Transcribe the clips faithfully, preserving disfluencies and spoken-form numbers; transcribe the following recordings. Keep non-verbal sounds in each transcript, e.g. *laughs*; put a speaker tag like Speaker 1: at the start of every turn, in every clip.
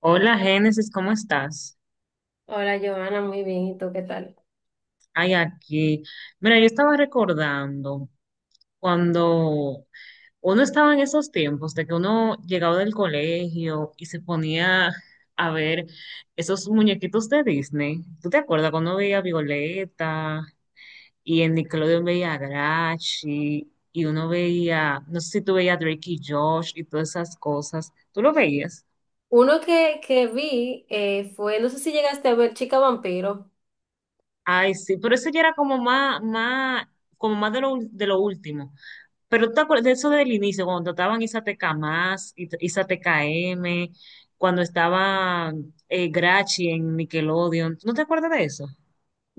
Speaker 1: Hola, Génesis, ¿cómo estás?
Speaker 2: Hola, Joana, muy bien. ¿Y tú qué tal?
Speaker 1: Ay, aquí. Mira, yo estaba recordando cuando uno estaba en esos tiempos de que uno llegaba del colegio y se ponía a ver esos muñequitos de Disney. ¿Tú te acuerdas cuando uno veía a Violeta y en Nickelodeon veía a Grachi y uno veía, no sé si tú veías a Drake y Josh y todas esas cosas? ¿Tú lo veías?
Speaker 2: Uno que, que vi eh, fue, no sé si llegaste a ver Chica Vampiro.
Speaker 1: Ay, sí, pero eso ya era como más, más, como más de lo, ul- de lo último. Pero tú te acuerdas de eso del inicio, cuando estaban Isateca Más, Isateca M, cuando estaba eh, Grachi en Nickelodeon. ¿No te acuerdas de eso?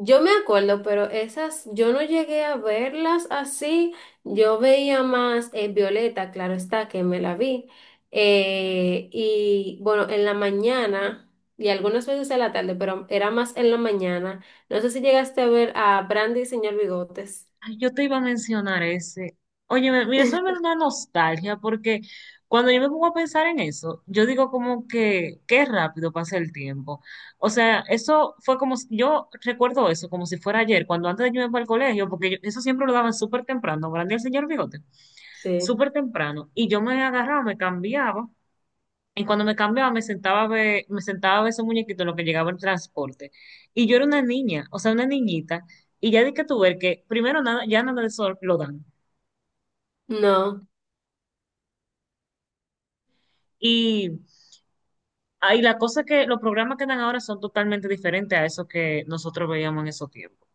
Speaker 2: Yo me acuerdo, pero esas yo no llegué a verlas así. Yo veía más eh, Violeta, claro está, que me la vi. Eh, y bueno, en la mañana y algunas veces en la tarde, pero era más en la mañana. No sé si llegaste a ver a Brandy y Señor Bigotes.
Speaker 1: Ay, yo te iba a mencionar ese. Oye, me- mira, eso me da una nostalgia porque cuando yo me pongo a pensar en eso, yo digo como que qué rápido pasa el tiempo. O sea, eso fue como, si- yo recuerdo eso como si fuera ayer, cuando antes de yo irme para el colegio, porque yo- eso siempre lo daban súper temprano, grande el señor Bigote,
Speaker 2: Sí.
Speaker 1: súper temprano. Y yo me agarraba, me cambiaba. Y cuando me cambiaba, me sentaba a ver, me sentaba a ver esos muñequitos en lo que llegaba el transporte. Y yo era una niña, o sea, una niñita. Y ya di que tú ver que primero nada, ya nada de eso lo dan.
Speaker 2: No.
Speaker 1: Y ahí la cosa que los programas que dan ahora son totalmente diferentes a eso que nosotros veíamos en esos tiempos.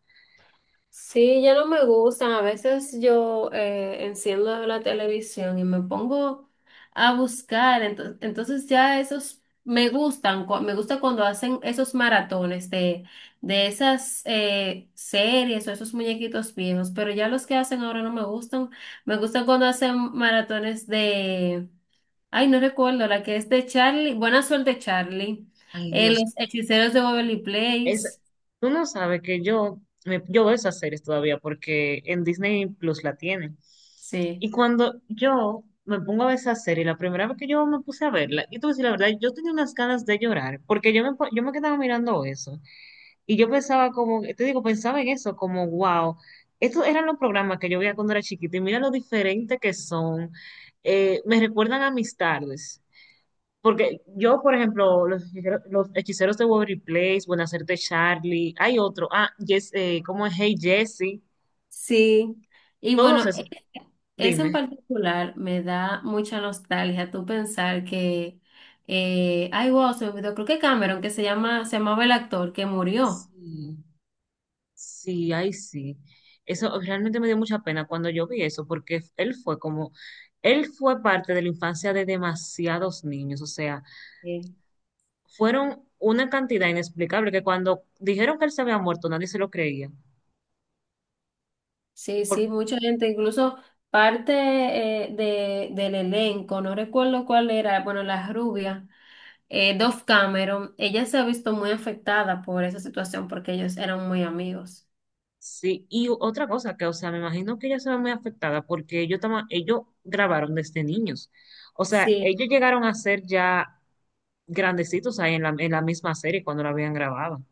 Speaker 2: Sí, ya no me gustan. A veces yo eh, enciendo la televisión y me pongo a buscar. Entonces, entonces ya esos me gustan. cu- Me gusta cuando hacen esos maratones de, de esas eh, series o esos muñequitos viejos. Pero ya los que hacen ahora no me gustan. Me gustan cuando hacen maratones de... Ay, no recuerdo, la que es de Charlie. Buena suerte, Charlie.
Speaker 1: Ay,
Speaker 2: Eh,
Speaker 1: Dios.
Speaker 2: los hechiceros de Waverly
Speaker 1: Es,
Speaker 2: Place.
Speaker 1: uno sabe que yo, me- yo veo esas series todavía porque en Disney Plus la tienen.
Speaker 2: Sí.
Speaker 1: Y cuando yo me pongo a ver esa serie, la primera vez que yo me puse a verla, y tú decir la verdad, yo tenía unas ganas de llorar, porque yo me, po- yo me quedaba mirando eso. Y yo pensaba como, te digo, pensaba en eso, como, wow, estos eran los programas que yo veía cuando era chiquita, y mira lo diferente que son. Eh, me recuerdan a mis tardes. Porque yo, por ejemplo, los hechiceros, los hechiceros de Waverly Place, Buenacerte Charlie, hay otro, ah, yes, eh, ¿cómo es? Hey Jessie,
Speaker 2: Sí, y
Speaker 1: todos
Speaker 2: bueno.
Speaker 1: esos,
Speaker 2: Eso en
Speaker 1: dime.
Speaker 2: particular me da mucha nostalgia, tú pensar que eh, ay, wow, se me olvidó, creo que Cameron, que se llama, se llamaba el actor que murió.
Speaker 1: Sí, sí, ay, sí. Eso realmente me dio mucha pena cuando yo vi eso, porque él fue como, él fue parte de la infancia de demasiados niños, o sea,
Speaker 2: Sí,
Speaker 1: fueron una cantidad inexplicable que cuando dijeron que él se había muerto, nadie se lo creía.
Speaker 2: sí, sí, mucha gente, incluso parte eh, de, del elenco, no recuerdo cuál era, bueno, la rubia, eh, Dove Cameron, ella se ha visto muy afectada por esa situación porque ellos eran muy amigos.
Speaker 1: Sí, y otra cosa que, o sea, me imagino que ella se ve muy afectada porque ellos, tama- ellos grabaron desde niños. O sea,
Speaker 2: Sí.
Speaker 1: ellos llegaron a ser ya grandecitos ahí en la, en la misma serie cuando la habían grabado.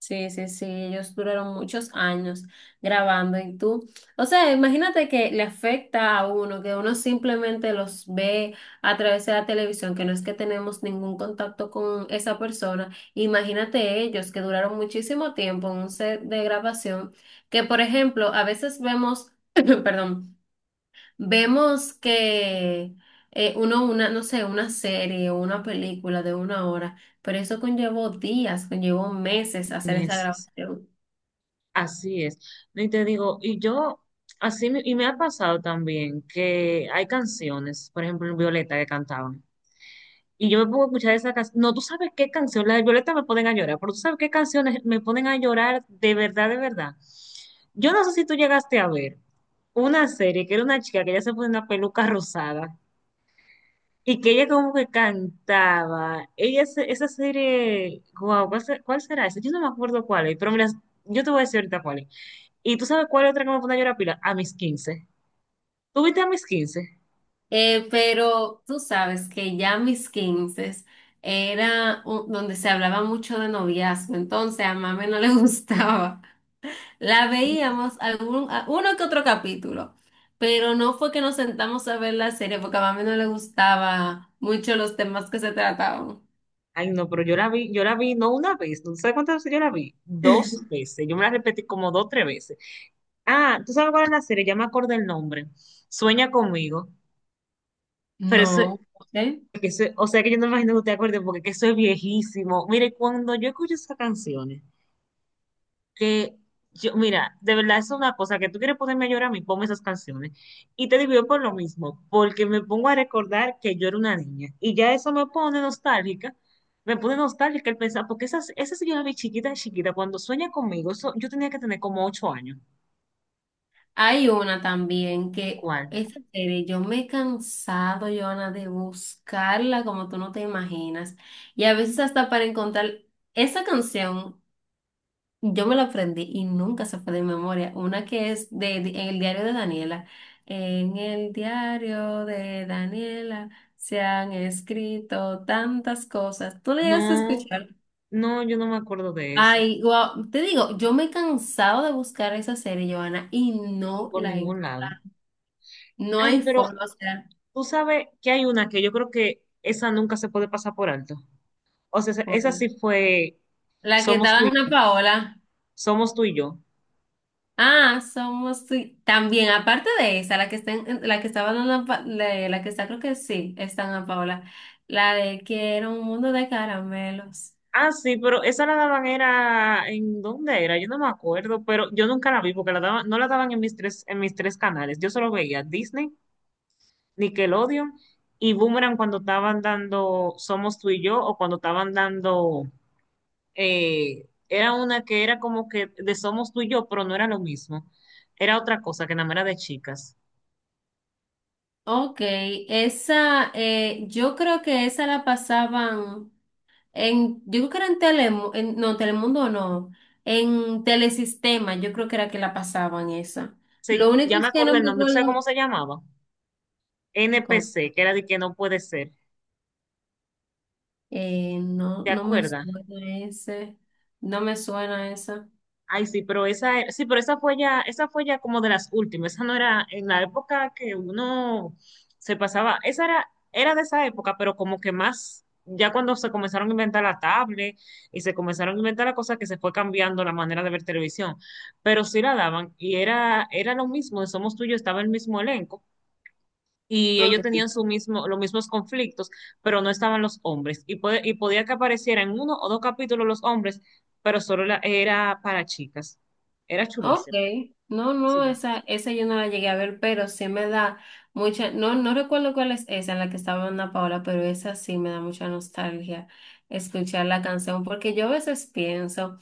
Speaker 2: Sí, sí, sí, ellos duraron muchos años grabando y tú, o sea, imagínate que le afecta a uno, que uno simplemente los ve a través de la televisión, que no es que tenemos ningún contacto con esa persona. Imagínate ellos que duraron muchísimo tiempo en un set de grabación, que por ejemplo, a veces vemos, *clears throat* perdón. Vemos que eh, uno, una, no sé, una serie o una película de una hora, pero eso conllevó días, conllevó meses hacer esa
Speaker 1: Meses.
Speaker 2: grabación.
Speaker 1: Así es. No. Y te digo, y yo, así, me- y me ha pasado también que hay canciones, por ejemplo, en Violeta que cantaban. Y yo me pongo a escuchar esa canción. No, tú sabes qué canción, la de Violeta me ponen a llorar, pero tú sabes qué canciones me ponen a llorar de verdad, de verdad. Yo no sé si tú llegaste a ver una serie que era una chica que ella se ponía una peluca rosada y que ella como que cantaba. Ella, se- esa serie, wow, ¿cuál, se- ¿cuál será esa? Yo no me acuerdo cuál es, pero mira, yo te voy a decir ahorita cuál es. ¿Y tú sabes cuál es otra que me pone a llorar pila? A mis quince. ¿Tuviste a mis quince?
Speaker 2: Eh, pero tú sabes que ya mis quince era un- donde se hablaba mucho de noviazgo, entonces a mami no le *laughs* gustaba. La veíamos algún, a- uno que otro capítulo, pero no fue que nos sentamos a ver la serie porque a mami no le gustaba mucho los temas que se trataban.
Speaker 1: Ay, no, pero yo la vi, yo la vi no una vez, no sé cuántas veces yo la vi, dos veces, yo me la repetí como dos, tres veces. Ah, ¿tú sabes cuál es la serie? Ya me acordé el nombre, Sueña conmigo, pero eso,
Speaker 2: No, ok.
Speaker 1: que eso- o sea que yo no me imagino que usted acuerde porque que eso es viejísimo. Mire, cuando yo escucho esas canciones, que yo, mira, de verdad es una cosa que tú quieres ponerme a llorar a mí, ponme esas canciones. Y te digo yo por lo mismo, porque me pongo a recordar que yo era una niña. Y ya eso me pone nostálgica, me pone nostálgica el pensar, porque esas, esas yo la vi chiquita, chiquita, cuando sueña conmigo, eso, yo tenía que tener como ocho años.
Speaker 2: Hay una también que
Speaker 1: ¿Cuál?
Speaker 2: esa serie, yo me he cansado, Joana, de buscarla como tú no te imaginas. Y a veces hasta para encontrar esa canción, yo me la aprendí y nunca se fue de memoria. Una que es de, de- en el diario de Daniela. En el diario de Daniela se han escrito tantas cosas. ¿Tú le llegaste a
Speaker 1: No,
Speaker 2: escuchar?
Speaker 1: no, yo no me acuerdo de esa,
Speaker 2: Ay, wow, te digo, yo me he cansado de buscar esa serie, Joana, y
Speaker 1: y
Speaker 2: no
Speaker 1: por
Speaker 2: la he.
Speaker 1: ningún lado.
Speaker 2: No
Speaker 1: Ay,
Speaker 2: hay
Speaker 1: pero
Speaker 2: forma, o sea,
Speaker 1: tú sabes que hay una que yo creo que esa nunca se puede pasar por alto. O sea, esa esa
Speaker 2: joder.
Speaker 1: sí fue
Speaker 2: La que
Speaker 1: Somos
Speaker 2: estaba
Speaker 1: tú
Speaker 2: en
Speaker 1: y
Speaker 2: Ana
Speaker 1: yo.
Speaker 2: Paola.
Speaker 1: Somos tú y yo.
Speaker 2: Ah, somos sí. También, aparte de esa, la que está en- la que estaba en Ana Pa- de- la que está, creo que sí, está en Ana Paola. La de Quiero un mundo de caramelos.
Speaker 1: Ah, sí, pero esa la daban era, ¿en dónde era? Yo no me acuerdo, pero yo nunca la vi porque la daban, no la daban en mis tres, en mis tres canales. Yo solo veía Disney, Nickelodeon y Boomerang cuando estaban dando Somos tú y yo o cuando estaban dando, eh, era una que era como que de Somos tú y yo, pero no era lo mismo. Era otra cosa que nada más era de chicas.
Speaker 2: Ok, esa, eh, yo creo que esa la pasaban en, yo creo que era en Telemundo, no, Telemundo no, en Telesistema, yo creo que era que la pasaban esa. Lo
Speaker 1: Sí,
Speaker 2: único
Speaker 1: ya me
Speaker 2: es que no
Speaker 1: acordé
Speaker 2: me
Speaker 1: el nombre, ¿tú sabes
Speaker 2: acuerdo.
Speaker 1: cómo se llamaba?
Speaker 2: ¿Cómo?
Speaker 1: N P C, que era de que no puede ser.
Speaker 2: Eh, no,
Speaker 1: ¿Te
Speaker 2: no me
Speaker 1: acuerdas?
Speaker 2: suena ese. No me suena esa.
Speaker 1: Ay, sí, pero esa, era- sí, pero esa fue ya, esa fue ya como de las últimas. Esa no era en la época que uno se pasaba, esa era, era de esa época, pero como que más, ya cuando se comenzaron a inventar la tablet y se comenzaron a inventar la cosa que se fue cambiando la manera de ver televisión. Pero sí la daban, y era, era lo mismo, de Somos Tuyos, estaba el mismo elenco y ellos
Speaker 2: Okay.
Speaker 1: tenían su mismo, los mismos conflictos, pero no estaban los hombres. Y, puede- y podía que aparecieran en uno o dos capítulos los hombres, pero solo la- era para chicas. Era
Speaker 2: Ok.
Speaker 1: chulísimo.
Speaker 2: No, no,
Speaker 1: Sí.
Speaker 2: esa, esa yo no la llegué a ver, pero sí me da mucha. No, no recuerdo cuál es esa en la que estaba Ana Paola, pero esa sí me da mucha nostalgia escuchar la canción, porque yo a veces pienso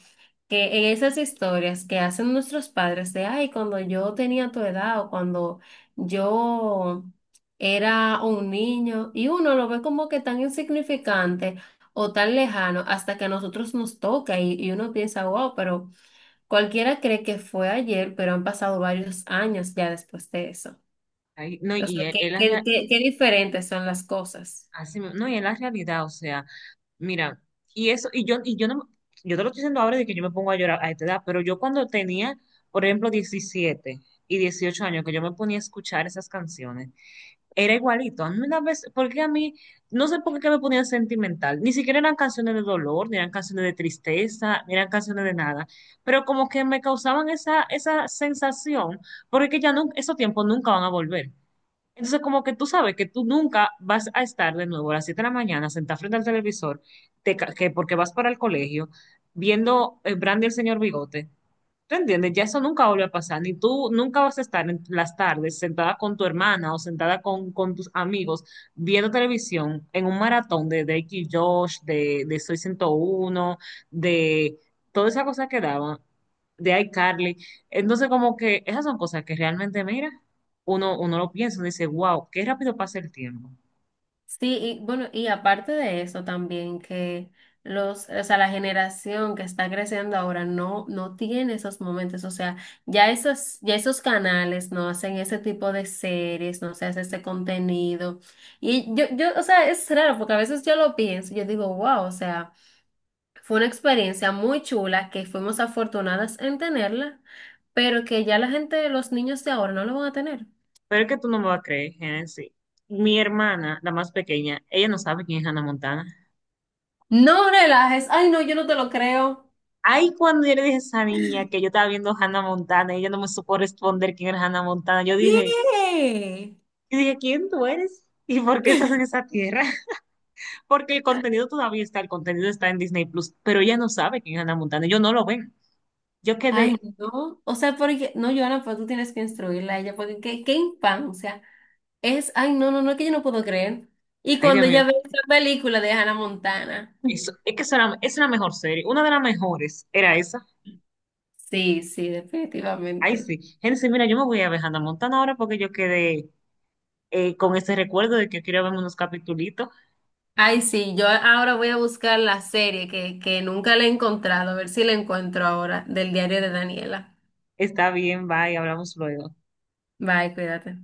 Speaker 2: que en esas historias que hacen nuestros padres de, ay, cuando yo tenía tu edad o cuando yo era un niño, y uno lo ve como que tan insignificante o tan lejano hasta que a nosotros nos toca y, y uno piensa, wow, pero cualquiera cree que fue ayer, pero han pasado varios años ya después de eso.
Speaker 1: Ahí- no,
Speaker 2: O
Speaker 1: y
Speaker 2: sea,
Speaker 1: él,
Speaker 2: qué,
Speaker 1: él es
Speaker 2: qué,
Speaker 1: la,
Speaker 2: qué, qué diferentes son las cosas.
Speaker 1: así mismo- no, y es la realidad, o sea, mira, y eso, y yo, y yo no, yo te lo estoy diciendo ahora de que yo me pongo a llorar a esta edad, pero yo cuando tenía, por ejemplo, diecisiete y dieciocho años, que yo me ponía a escuchar esas canciones. Era igualito. A mí una vez, porque a mí, no sé por qué me ponía sentimental. Ni siquiera eran canciones de dolor, ni eran canciones de tristeza, ni eran canciones de nada. Pero como que me causaban esa, esa sensación, porque que ya no, esos tiempos nunca van a volver. Entonces, como que tú sabes que tú nunca vas a estar de nuevo a las siete de la mañana sentada frente al televisor, te ca- que porque vas para el colegio, viendo eh, Brandy el señor Bigote. ¿Tú entiendes? Ya eso nunca vuelve a pasar, ni tú nunca vas a estar en las tardes sentada con tu hermana o sentada con, con tus amigos viendo televisión en un maratón de Drake y Josh, de, de Soy ciento uno, de toda esa cosa que daban, de iCarly. Entonces, como que esas son cosas que realmente, mira, uno, uno lo piensa, uno dice, wow, qué rápido pasa el tiempo.
Speaker 2: Sí, y bueno, y aparte de eso también que los, o sea, la generación que está creciendo ahora no, no tiene esos momentos, o sea, ya esos, ya esos canales no hacen ese tipo de series, no se hace ese contenido. Y yo, yo, o sea, es raro porque a veces yo lo pienso, yo digo, wow, o sea, fue una experiencia muy chula que fuimos afortunadas en tenerla, pero que ya la gente, los niños de ahora no lo van a tener.
Speaker 1: Pero es que tú no me vas a creer, Genesis. Mi hermana, la más pequeña, ella no sabe quién es Hannah Montana.
Speaker 2: No relajes, ay no, yo no te lo creo.
Speaker 1: Ay, cuando yo le dije a esa niña que yo estaba viendo Hannah Montana y ella no me supo responder quién era Hannah Montana, yo dije,
Speaker 2: ¿Qué?
Speaker 1: yo dije, ¿quién tú eres? ¿Y por qué estás en esa tierra? *laughs* Porque el contenido todavía está, el contenido está en Disney Plus, pero ella no sabe quién es Hannah Montana, yo no lo ven. Yo
Speaker 2: Ay,
Speaker 1: quedé,
Speaker 2: no. O sea, porque, no, Joana, pues tú tienes que instruirla a ella, porque qué, qué infancia. Es, ay, no, no, no, es que yo no puedo creer. Y
Speaker 1: ay Dios
Speaker 2: cuando
Speaker 1: mío,
Speaker 2: ella ve esa película de Hannah Montana.
Speaker 1: eso, es que eso era, esa era la mejor serie, una de las mejores era esa.
Speaker 2: Sí, sí,
Speaker 1: Ay,
Speaker 2: definitivamente.
Speaker 1: sí. Génesis, mira, yo me voy a ver Hannah Montana ahora porque yo quedé eh, con ese recuerdo de que quiero ver unos capitulitos.
Speaker 2: Ay, sí, yo ahora voy a buscar la serie que, que nunca la he encontrado, a ver si la encuentro ahora, del diario de Daniela.
Speaker 1: Está bien, bye, hablamos luego.
Speaker 2: Bye, cuídate.